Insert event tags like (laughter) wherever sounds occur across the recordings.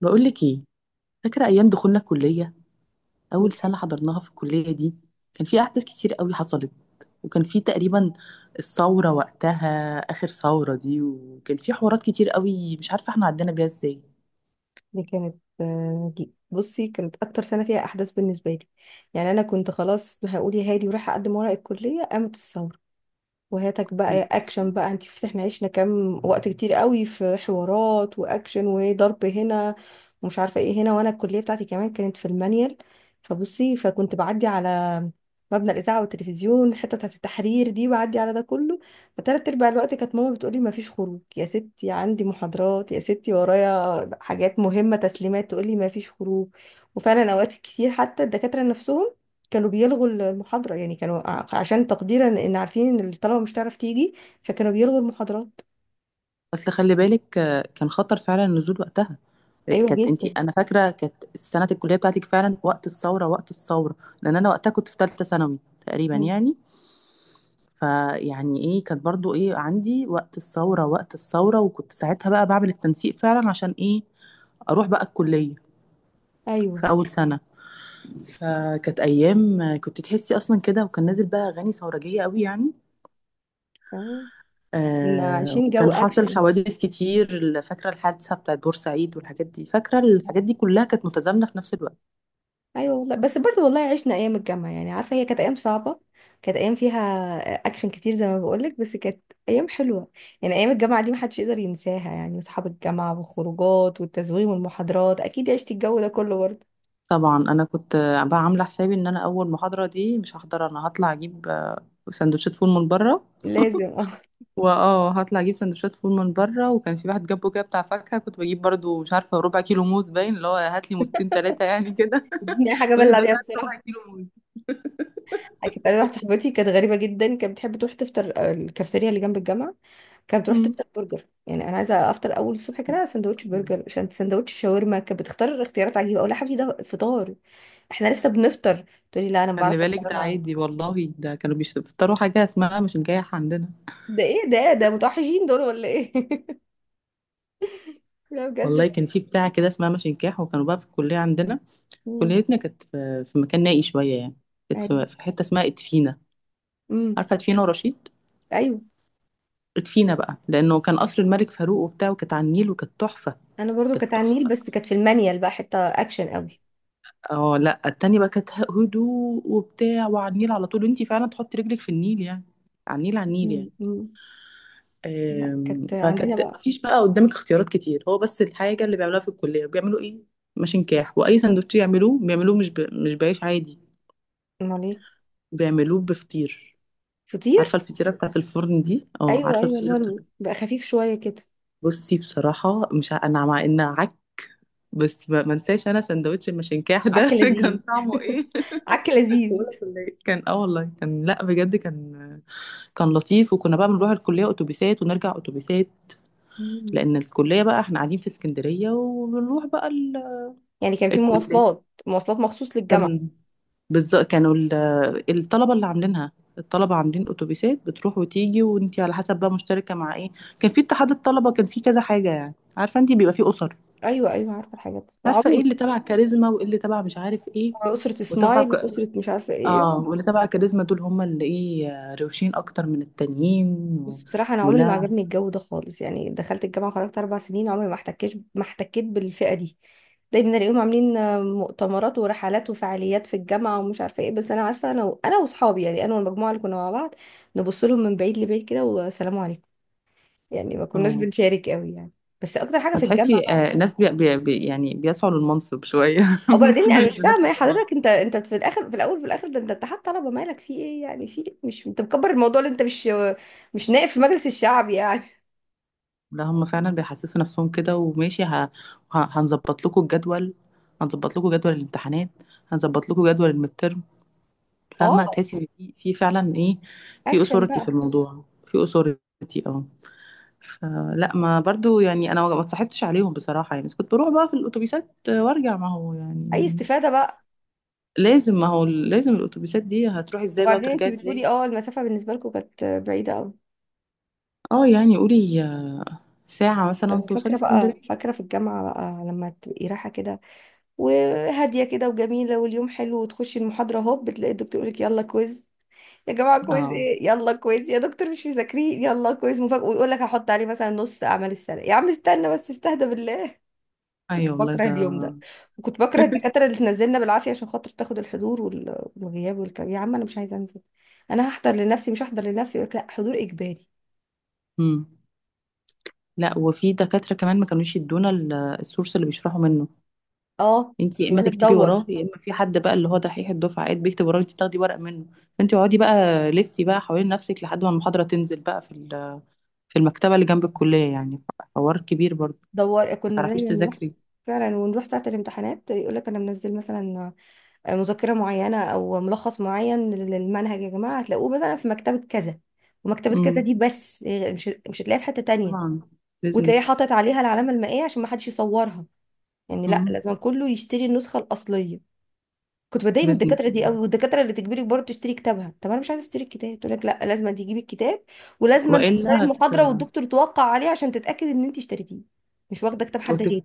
بقول لك ايه؟ فاكره ايام دخولنا الكليه. دي اول سنه كانت حضرناها في الكليه دي كان في احداث كتير قوي حصلت، وكان في تقريبا الثوره وقتها، اخر ثوره دي، وكان في حوارات كتير قوي مش عارفه احنا عدينا بيها ازاي. دي كانت، آه، دي- بصي كانت اكتر سنه فيها احداث بالنسبه لي. يعني انا كنت خلاص هقول يا هادي ورايحه اقدم ورق الكليه، قامت الثوره. وهاتك بقى يا اكشن، بقى انت شفتي احنا عشنا كام وقت كتير قوي في حوارات واكشن وضرب هنا ومش عارفه ايه هنا، وانا الكليه بتاعتي كمان كانت في المانيال. فبصي، فكنت بعدي على مبنى الاذاعه والتلفزيون، الحته بتاعت التحرير دي، بعدي على ده كله. فتلات ارباع الوقت كانت ماما بتقولي: ما فيش خروج يا ستي، عندي محاضرات يا ستي ورايا حاجات مهمه تسليمات، تقولي ما فيش خروج. وفعلا اوقات كتير حتى الدكاتره نفسهم كانوا بيلغوا المحاضرة، يعني كانوا عشان تقديرا ان عارفين ان الطلبة مش هتعرف تيجي، فكانوا بيلغوا المحاضرات. اصل خلي بالك، كان خطر فعلا النزول وقتها. ايوه كانت انتي، جدا. انا فاكره كانت سنه الكليه بتاعتك فعلا وقت الثوره، وقت الثوره. لان انا وقتها كنت في ثالثه ثانوي تقريبا مم. يعني. فيعني ايه، كانت برضو ايه، عندي وقت الثورة، وقت الثورة، وكنت ساعتها بقى بعمل التنسيق فعلا عشان ايه؟ اروح بقى الكلية ايوه. في اول سنة. فكانت ايام كنت تحسي اصلا كده، وكان نازل بقى اغاني ثورجية قوي يعني. تمام. كنا آه، عايشين جو وكان حاصل اكشن. حوادث كتير، فاكرة الحادثة بتاعت بورسعيد والحاجات دي، فاكرة الحاجات دي كلها كانت متزامنة في نفس الوقت. ايوه والله، بس برضه والله عشنا ايام الجامعة، يعني عارفة هي كانت ايام صعبة. كانت ايام فيها اكشن كتير زي ما بقولك، بس كانت ايام حلوة. يعني ايام الجامعة دي محدش يقدر ينساها، يعني اصحاب الجامعة والخروجات والتزويم والمحاضرات، اكيد عشتي الجو ده كله برضه. طبعا انا كنت بقى عاملة حسابي ان انا اول محاضرة دي مش هحضر، انا هطلع اجيب سندوتشات فول من بره، لازم اه. واه، هطلع اجيب سندوتشات فول من بره، وكان في واحد جنبه كده بتاع فاكهه، كنت بجيب برضو مش عارفه ربع كيلو موز، باين اللي هو هات لي موزتين ثلاثه يعني كده. (laughs) (laughs) دي حاجة الراجل بلع ده، بيها هات ربع بصراحة. كيلو موز. (laughs) كانت انا واحده صاحبتي كانت غريبه جدا، كانت بتحب تروح تفطر الكافتيريا اللي جنب الجامعه. كانت بتروح مم. تفطر برجر، يعني انا عايزه افطر اول الصبح كده سندوتش برجر عشان سندوتش شاورما؟ كانت بتختار اختيارات عجيبه، اقول لها: يا حبيبتي ده فطار؟ احنا لسه بنفطر. تقولي: لا انا ما خلي بعرفش بالك افطر ده انا. عادي والله، ده كانوا بيفطروا حاجه اسمها مشنكاح عندنا. ده ايه ده؟ إيه؟ ده متوحشين دول ولا ايه؟ (laughs) لا بجد. والله كان في بتاع كده اسمها مشنكاح، وكانوا بقى في الكليه عندنا. امم. كليتنا كانت في مكان نائي شويه يعني، كانت ايوه. في حته اسمها ادفينه. امم. عارفه ادفينه ورشيد؟ ايوه. ادفينه بقى لانه كان قصر الملك فاروق وبتاع، وكانت على النيل وكانت تحفه. انا برضو كانت كانت على النيل، تحفه. بس كانت في المانيال بقى حته اكشن قوي. اه، لا، التانية بقى كانت هدوء وبتاع، وعلى النيل على طول، وانتي فعلا تحطي رجلك في النيل يعني، على النيل، على النيل امم. يعني. أمم. لا كانت عندنا فكانت بقى. مفيش بقى قدامك اختيارات كتير، هو بس الحاجة اللي بيعملوها في الكلية بيعملوا ايه؟ ماشين كاح، وأي سندوتش يعملوه بيعملوه مش مش بعيش عادي، امال ايه؟ بيعملوه بفطير. فطير. عارفة الفطيرة بتاعت الفرن دي؟ اه، ايوه عارفة ايوه اللي الفطيرة هو بتاعت. بقى خفيف شويه كده. بصي بصراحة مش أنا مع إنها عك، بس ما انساش أنا سندوتش الماشين كاح عك ده (laughs) كان لذيذ. طعمه (laughs) ايه. (laughs) عك لذيذ. ولا كان اه، والله كان، لا بجد كان، كان لطيف. وكنا بقى بنروح الكلية أتوبيسات ونرجع أتوبيسات، مم. لأن الكلية بقى احنا قاعدين في اسكندرية، وبنروح بقى يعني كان في الكلية. مواصلات مخصوص للجامعه. كان بالظبط كانوا الطلبة اللي عاملينها، الطلبة عاملين أتوبيسات بتروح وتيجي، وانتي على حسب بقى مشتركة مع ايه. كان في اتحاد الطلبة، كان في كذا حاجة يعني، عارفة انتي بيبقى في أسر، ايوه، ايوه، عارفه الحاجات دي. عارفة ايه عمري، اللي تبع كاريزما وايه اللي تبع مش عارف ايه، ما اسره وتبع سمايل، ك... اسره مش عارفه ايه. اه، واللي تبع كاريزما دول هم اللي ايه، روشين اكتر من التانيين. و... بس بصراحه انا عمري ما ولا عجبني الجو ده خالص، يعني دخلت الجامعه خرجت 4 سنين عمري ما احتكيت بالفئه دي. دايما الاقيهم عاملين مؤتمرات ورحلات وفعاليات في الجامعه ومش عارفه ايه، بس انا عارفه انا واصحابي، يعني انا والمجموعه اللي كنا مع بعض. نبص لهم من بعيد لبعيد كده والسلام عليكم. يعني ما كناش اه. بنشارك قوي يعني. بس اكتر حاجه في الجامعه. فتحسي الناس يعني بيسعوا للمنصب شوية. (laughs) وبعدين احنا انا مش مش فاهمه يا بنسعى للمنصب. حضرتك، انت في الاخر في الاول في الاخر، ده انت اتحاد طلبه مالك في ايه؟ يعني في إيه؟ مش انت مكبر الموضوع اللي انت مش، مش نائب في مجلس الشعب يعني. لا، هم فعلا بيحسسوا نفسهم كده، وماشي هنظبط لكم الجدول، هنظبط لكم جدول الامتحانات، هنظبط لكم جدول الميد ترم. اه. فاهمة، تحسي ان في فعلا ايه، في اكشن اثورتي في بقى. الموضوع، في اثورتي اه. فلا، ما برضو يعني انا ما اتصاحبتش عليهم بصراحة يعني، بس كنت بروح بقى في الاتوبيسات وارجع، ما هو اي يعني استفاده بقى. لازم، ما هو لازم الاتوبيسات دي هتروحي ازاي بقى وبعدين انت وترجعي ازاي. بتقولي اه، المسافه بالنسبه لكم كانت بعيده قوي. اه يعني قولي ساعة مثلا طب توصلي فاكره بقى، اسكندرية. فاكره في الجامعه بقى لما تبقي رايحه كده وهاديه كده وجميله واليوم حلو، وتخشي المحاضره هوب بتلاقي الدكتور يقول لك: يلا كويز. يا جماعة كويز اه، ايه؟ يلا كويز يا دكتور مش مذاكرين، يلا كويز مفاجأة. ويقول لك هحط عليه مثلا نص اعمال السنة. يا عم استنى بس استهدى بالله. ايوه (laughs) والله بكره ده. اليوم ده. وكنت بكره الدكاترة اللي تنزلنا بالعافية عشان خاطر تاخد الحضور والغياب والكلام، يا عم انا مش عايزة انزل. انا هحضر لنفسي مش هحضر لنفسي، يقول لك: لا، حضور اجباري. مم. لا، وفي دكاترة كمان ما كانوش يدونا السورس اللي بيشرحوا منه، اه. انت يا اما يقول لك تكتبي دور. وراه، يا اما في حد بقى اللي هو دحيح الدفعه قاعد بيكتب وراه، انت تاخدي ورق منه. فانت اقعدي بقى، لفي بقى حوالين نفسك لحد ما المحاضرة تنزل بقى في في المكتبة اللي جنب الكلية يعني، حوار كبير برضه، دور ما كنا تعرفيش دايما نروح تذاكري. فعلا، ونروح ساعة الامتحانات يقول لك: انا منزل مثلا مذكرة معينة أو ملخص معين للمنهج، يا جماعة هتلاقوه مثلا في مكتبة كذا. ومكتبة كذا امم، دي بس مش هتلاقيها في حتة تانية. طبعا، وتلاقيه بيزنس. حاطط عليها العلامة المائية عشان ما حدش يصورها، يعني لا، امم، لازم كله يشتري النسخة الأصلية. كنت بتضايق من الدكاترة بيزنس دي قوي، والله. والدكاترة اللي تجبرك برضه تشتري كتابها، طب أنا مش عايزة أشتري الكتاب، تقول لك: لا لازم تجيبي الكتاب. ولازم تختاري والا المحاضرة والدكتور توقع عليها عشان تتأكد إن أنت اشتريتيه. مش واخدة كتاب حد هت... غيري.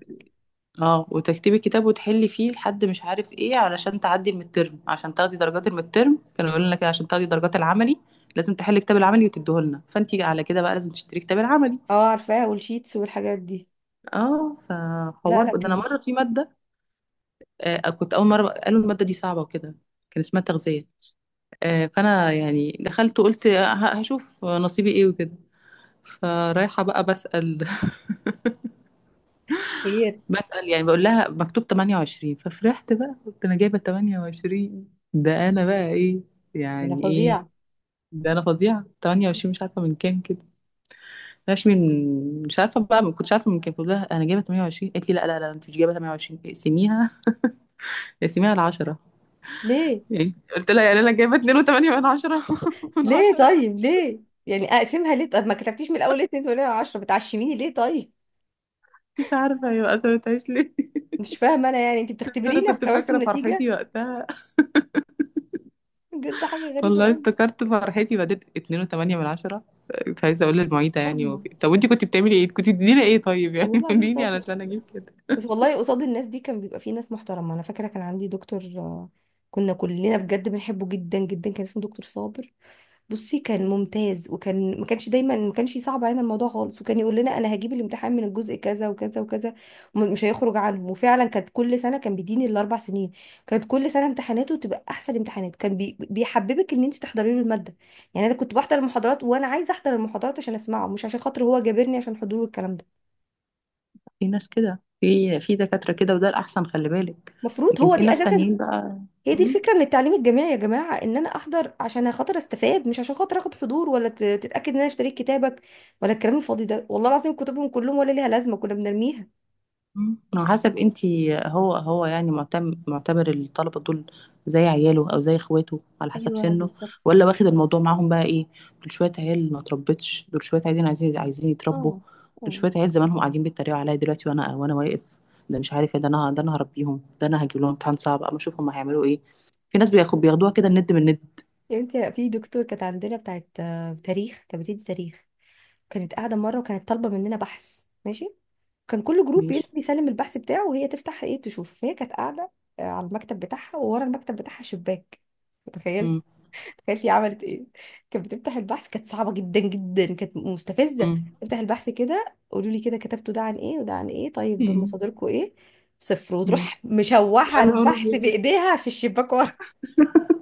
اه، وتكتبي كتاب وتحلي فيه لحد مش عارف ايه، علشان تعدي المترم، عشان تاخدي درجات المترم، كانوا يقولوا لنا كده عشان تاخدي درجات العملي لازم تحلي كتاب العملي وتديه لنا، فانت على كده بقى لازم تشتري كتاب العملي. اه عارفاها والشيتس والحاجات دي. اه، لا، فحوار لا، بقى. ده انا كان مره في ماده، آه، كنت اول قالوا الماده دي صعبه وكده، كان اسمها تغذيه. آه، فانا يعني دخلت وقلت هشوف نصيبي ايه وكده. فرايحه بقى بسأل، (laughs) خير. بسأل يعني، بقول لها مكتوب 28، ففرحت بقى قلت انا جايبه 28، ده انا بقى ايه، انا يعني ايه، فظيعة. ده انا فظيعه، 28، مش عارفه من كام كده، مش عارفه بقى، ما كنتش عارفه من كام. قلت لها انا جايبه 28، قالت لي لا، لا، لا، انت مش جايبه 28، اقسميها، اقسميها ل 10. ليه؟ يعني قلت لها، يعني انا جايبه 2.8 من 10. (laughs) من ليه 10. طيب ليه؟ يعني اقسمها ليه؟ طب ما كتبتيش من الاول ليه اتنين ولا عشرة، بتعشميني ليه طيب؟ مش عارفه هي بقى سابتهاش ليه. (laughs) مش فاهمه انا، يعني انت بس انا بتختبرينا كنت كمان في فاكره النتيجه؟ فرحتي وقتها، بجد حاجه غريبه والله قوي. افتكرت فرحتي بعدين، 2.8 من عشرة. كنت عايزة أقول للمعيدة يعني، صدمه، طب وأنتي كنت بتعملي إيه؟ كنت بتديني إيه طيب يعني والله (laughs) العظيم اديني صدمه. علشان أجيب بس كده. بس والله قصاد الناس دي كان بيبقى في ناس محترمه، انا فاكره كان عندي دكتور، كنا كلنا بجد بنحبه جدا جدا، كان اسمه دكتور صابر. بصي كان ممتاز، وكان ما كانش، دايما ما كانش صعب علينا الموضوع خالص، وكان يقول لنا: انا هجيب الامتحان من الجزء كذا وكذا وكذا، ومش هيخرج عنهم. وفعلا كانت كل سنه كان بيديني الاربع سنين، كانت كل سنه امتحاناته تبقى احسن امتحانات، كان بيحببك ان انت تحضري له الماده. يعني انا كنت بحضر المحاضرات وانا عايزه احضر المحاضرات عشان اسمعه، مش عشان خاطر هو جابرني عشان حضور الكلام ده. في ناس كده، في دكاترة كده، وده الأحسن خلي بالك، المفروض لكن هو في دي ناس اساسا، تانيين بقى. هي دي مم. الفكرة من التعليم الجامعي يا جماعة، ان انا احضر عشان خاطر استفاد، مش عشان خاطر اخد حضور ولا تتأكد ان انا اشتريت كتابك، ولا الكلام الفاضي ده. والله العظيم كتبهم كلهم ولا ليها لازمة، كنا بنرميها. مم. على حسب انتي، هو يعني معتم معتبر الطلبة دول زي عياله او زي اخواته على حسب ايوه سنه، بالظبط. ولا واخد الموضوع معاهم بقى ايه. دول شوية عيال ما اتربتش، دول شوية عايزين عايزين يتربوا. اه. دول اه. شوية عيال زمانهم قاعدين بيتريقوا عليا دلوقتي، وانا واقف ده، مش عارف ايه، ده انا، ده انا هربيهم، ده انا هجيب لهم امتحان صعب اما اشوف هم هيعملوا ايه. في ناس بياخدوها كده الند من الند. يا بنتي في دكتور كانت عندنا بتاعت تاريخ، كانت بتدي تاريخ. كانت قاعدة مرة، وكانت طالبة مننا بحث، ماشي. كان كل جروب ماشي. بينزل يسلم البحث بتاعه وهي تفتح ايه تشوف، فهي كانت قاعدة على المكتب بتاعها، وورا المكتب بتاعها شباك. تخيلي، امم. تخيلي عملت ايه. كانت بتفتح البحث، كانت صعبة جدا جدا، كانت مستفزة. امم. افتح البحث كده قولوا لي كده: كتبتوا ده عن ايه وده عن ايه؟ طيب مم. مصادركم ايه؟ صفر، مم. وتروح يا مشوحة نهار البحث أبيض. بإيديها في الشباك ورا. (laughs) (laughs)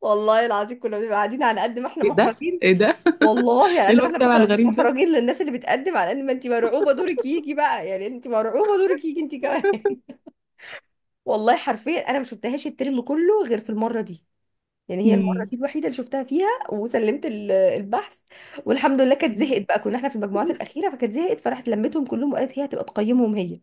والله العظيم كنا بنبقى قاعدين على قد ما احنا ايه ده، محرجين، ايه ده. (laughs) والله على ايه قد ما احنا المجتمع الغريب ده. محرجين للناس اللي بتقدم، على ان ما انت مرعوبة دورك يجي بقى، يعني انت مرعوبة دورك يجي انت (laughs) كمان. (laughs) والله حرفيا انا ما شفتهاش الترم كله غير في المرة دي، يعني هي المرة مم. دي الوحيدة اللي شفتها فيها وسلمت البحث. والحمد لله كانت مم. زهقت بقى، كنا احنا في المجموعات الأخيرة فكانت زهقت، فراحت لمتهم كلهم وقالت هي هتبقى تقيمهم هي.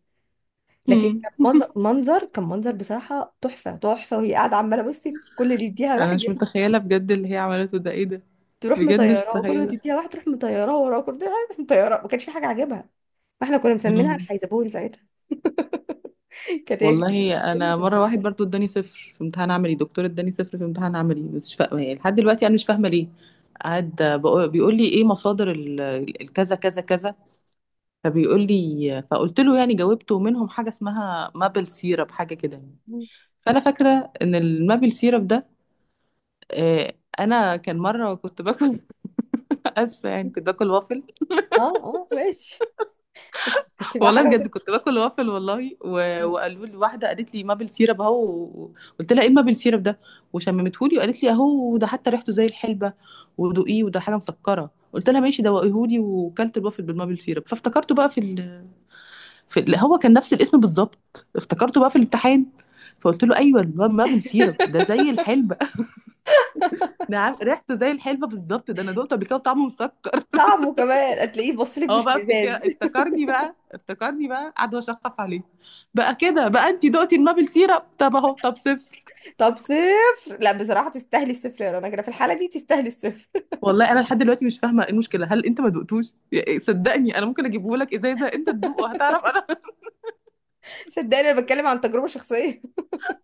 لكن مم. كان منظر، كان منظر بصراحة تحفة تحفة، وهي قاعدة عمالة بصي كل اللي يديها انا واحد مش متخيله بجد اللي هي عملته ده، ايه ده. تروح بجد مش مطيراه، وكل ما متخيله. تديها واحد تروح مطيراه وراك، كنت مطيراه، ما كانش في حاجة عاجبها. فاحنا كنا مسمينها مم. الحيزبون ساعتها. (laughs) كانت هي كده. والله انا مره، واحد برضو اداني صفر في امتحان عملي، دكتور اداني صفر في امتحان عملي، مش فاهمه يعني لحد دلوقتي انا مش فاهمه ليه. قعد بيقول لي ايه مصادر الكذا كذا كذا، فبيقول لي، فقلت له يعني، جاوبته منهم حاجه اسمها مابل سيرب، حاجه كده يعني. فانا فاكره ان المابل سيرب ده، آه، انا كان مره كنت باكل (laughs) اسفه يعني، كنت باكل وافل اه، اه، ماشي. كنت بقى والله، حاجة بجد كنت باكل وافل والله، وقالوا لي واحده، قالت لي مابل سيرب اهو، قلت لها ايه مابل سيرب ده، وشممته لي وقالت لي اهو ده، حتى ريحته زي الحلبه، ودوقيه، وده حاجه مسكره، قلت لها ماشي دوقيهولي. وكلت الوافل بالمابل سيرب، فافتكرته بقى هو كان نفس الاسم بالظبط، افتكرته بقى في الامتحان. فقلت له ايوه المابل سيرب ده زي الحلبه، (laughs) ريحته زي الحلبه بالظبط، ده انا دقته قبل كده وطعمه مسكر. طعمه كمان هتلاقيه بصلك هو مش بقى افتكر، مزاز. افتكرني بقى قعد اشخص عليه بقى، كده بقى انت دقتي المابل سيرب، طب اهو، طب صفر. طب صفر؟ لا بصراحة تستاهلي الصفر يا رنا كده، في الحالة دي تستاهلي الصفر. والله انا لحد دلوقتي مش فاهمه ايه المشكله، هل انت ما دقتوش إيه، صدقني انا ممكن اجيبه لك ازازه انت تدوقه هتعرف انا. (laughs) (laughs) صدقني انا بتكلم عن تجربة شخصية.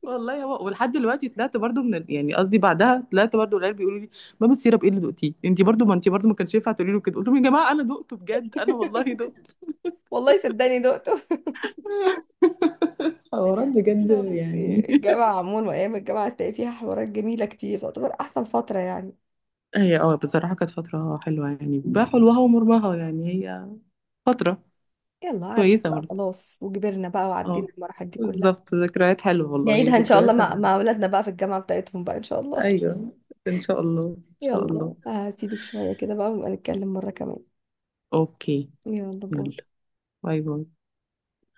والله هو، ولحد دلوقتي طلعت برضو من يعني قصدي بعدها طلعت برضو، العيال بيقولوا لي مابل سيرب ايه اللي دقتيه انت برضو، ما انت برضو ما كانش ينفع تقولي له كده. قلت لهم يا جماعه انا دقته بجد، انا والله دقته. (laughs) والله صدقني دقته. (laughs) حوارات بجد لا يعني. بصي الجامعة عموما وايام الجامعة هتلاقي فيها حوارات جميلة كتير، تعتبر احسن فترة يعني. (laughs) هي اه بصراحه كانت فتره حلوه يعني، بحلوها ومرها يعني، هي فتره يلا عدت كويسة بقى برضه. خلاص، وكبرنا بقى وعدينا اه المراحل دي كلها. بالظبط، ذكريات حلوة والله، هي نعيدها ان شاء الله ذكريات مع حلوة. مع اولادنا بقى في الجامعة بتاعتهم بقى، ان شاء الله. ايوه. ان شاء الله، ان (laughs) شاء يلا الله. هسيبك شوية كده بقى، ونبقى نتكلم مرة كمان. اوكي. يلا باي. يلا باي. باي.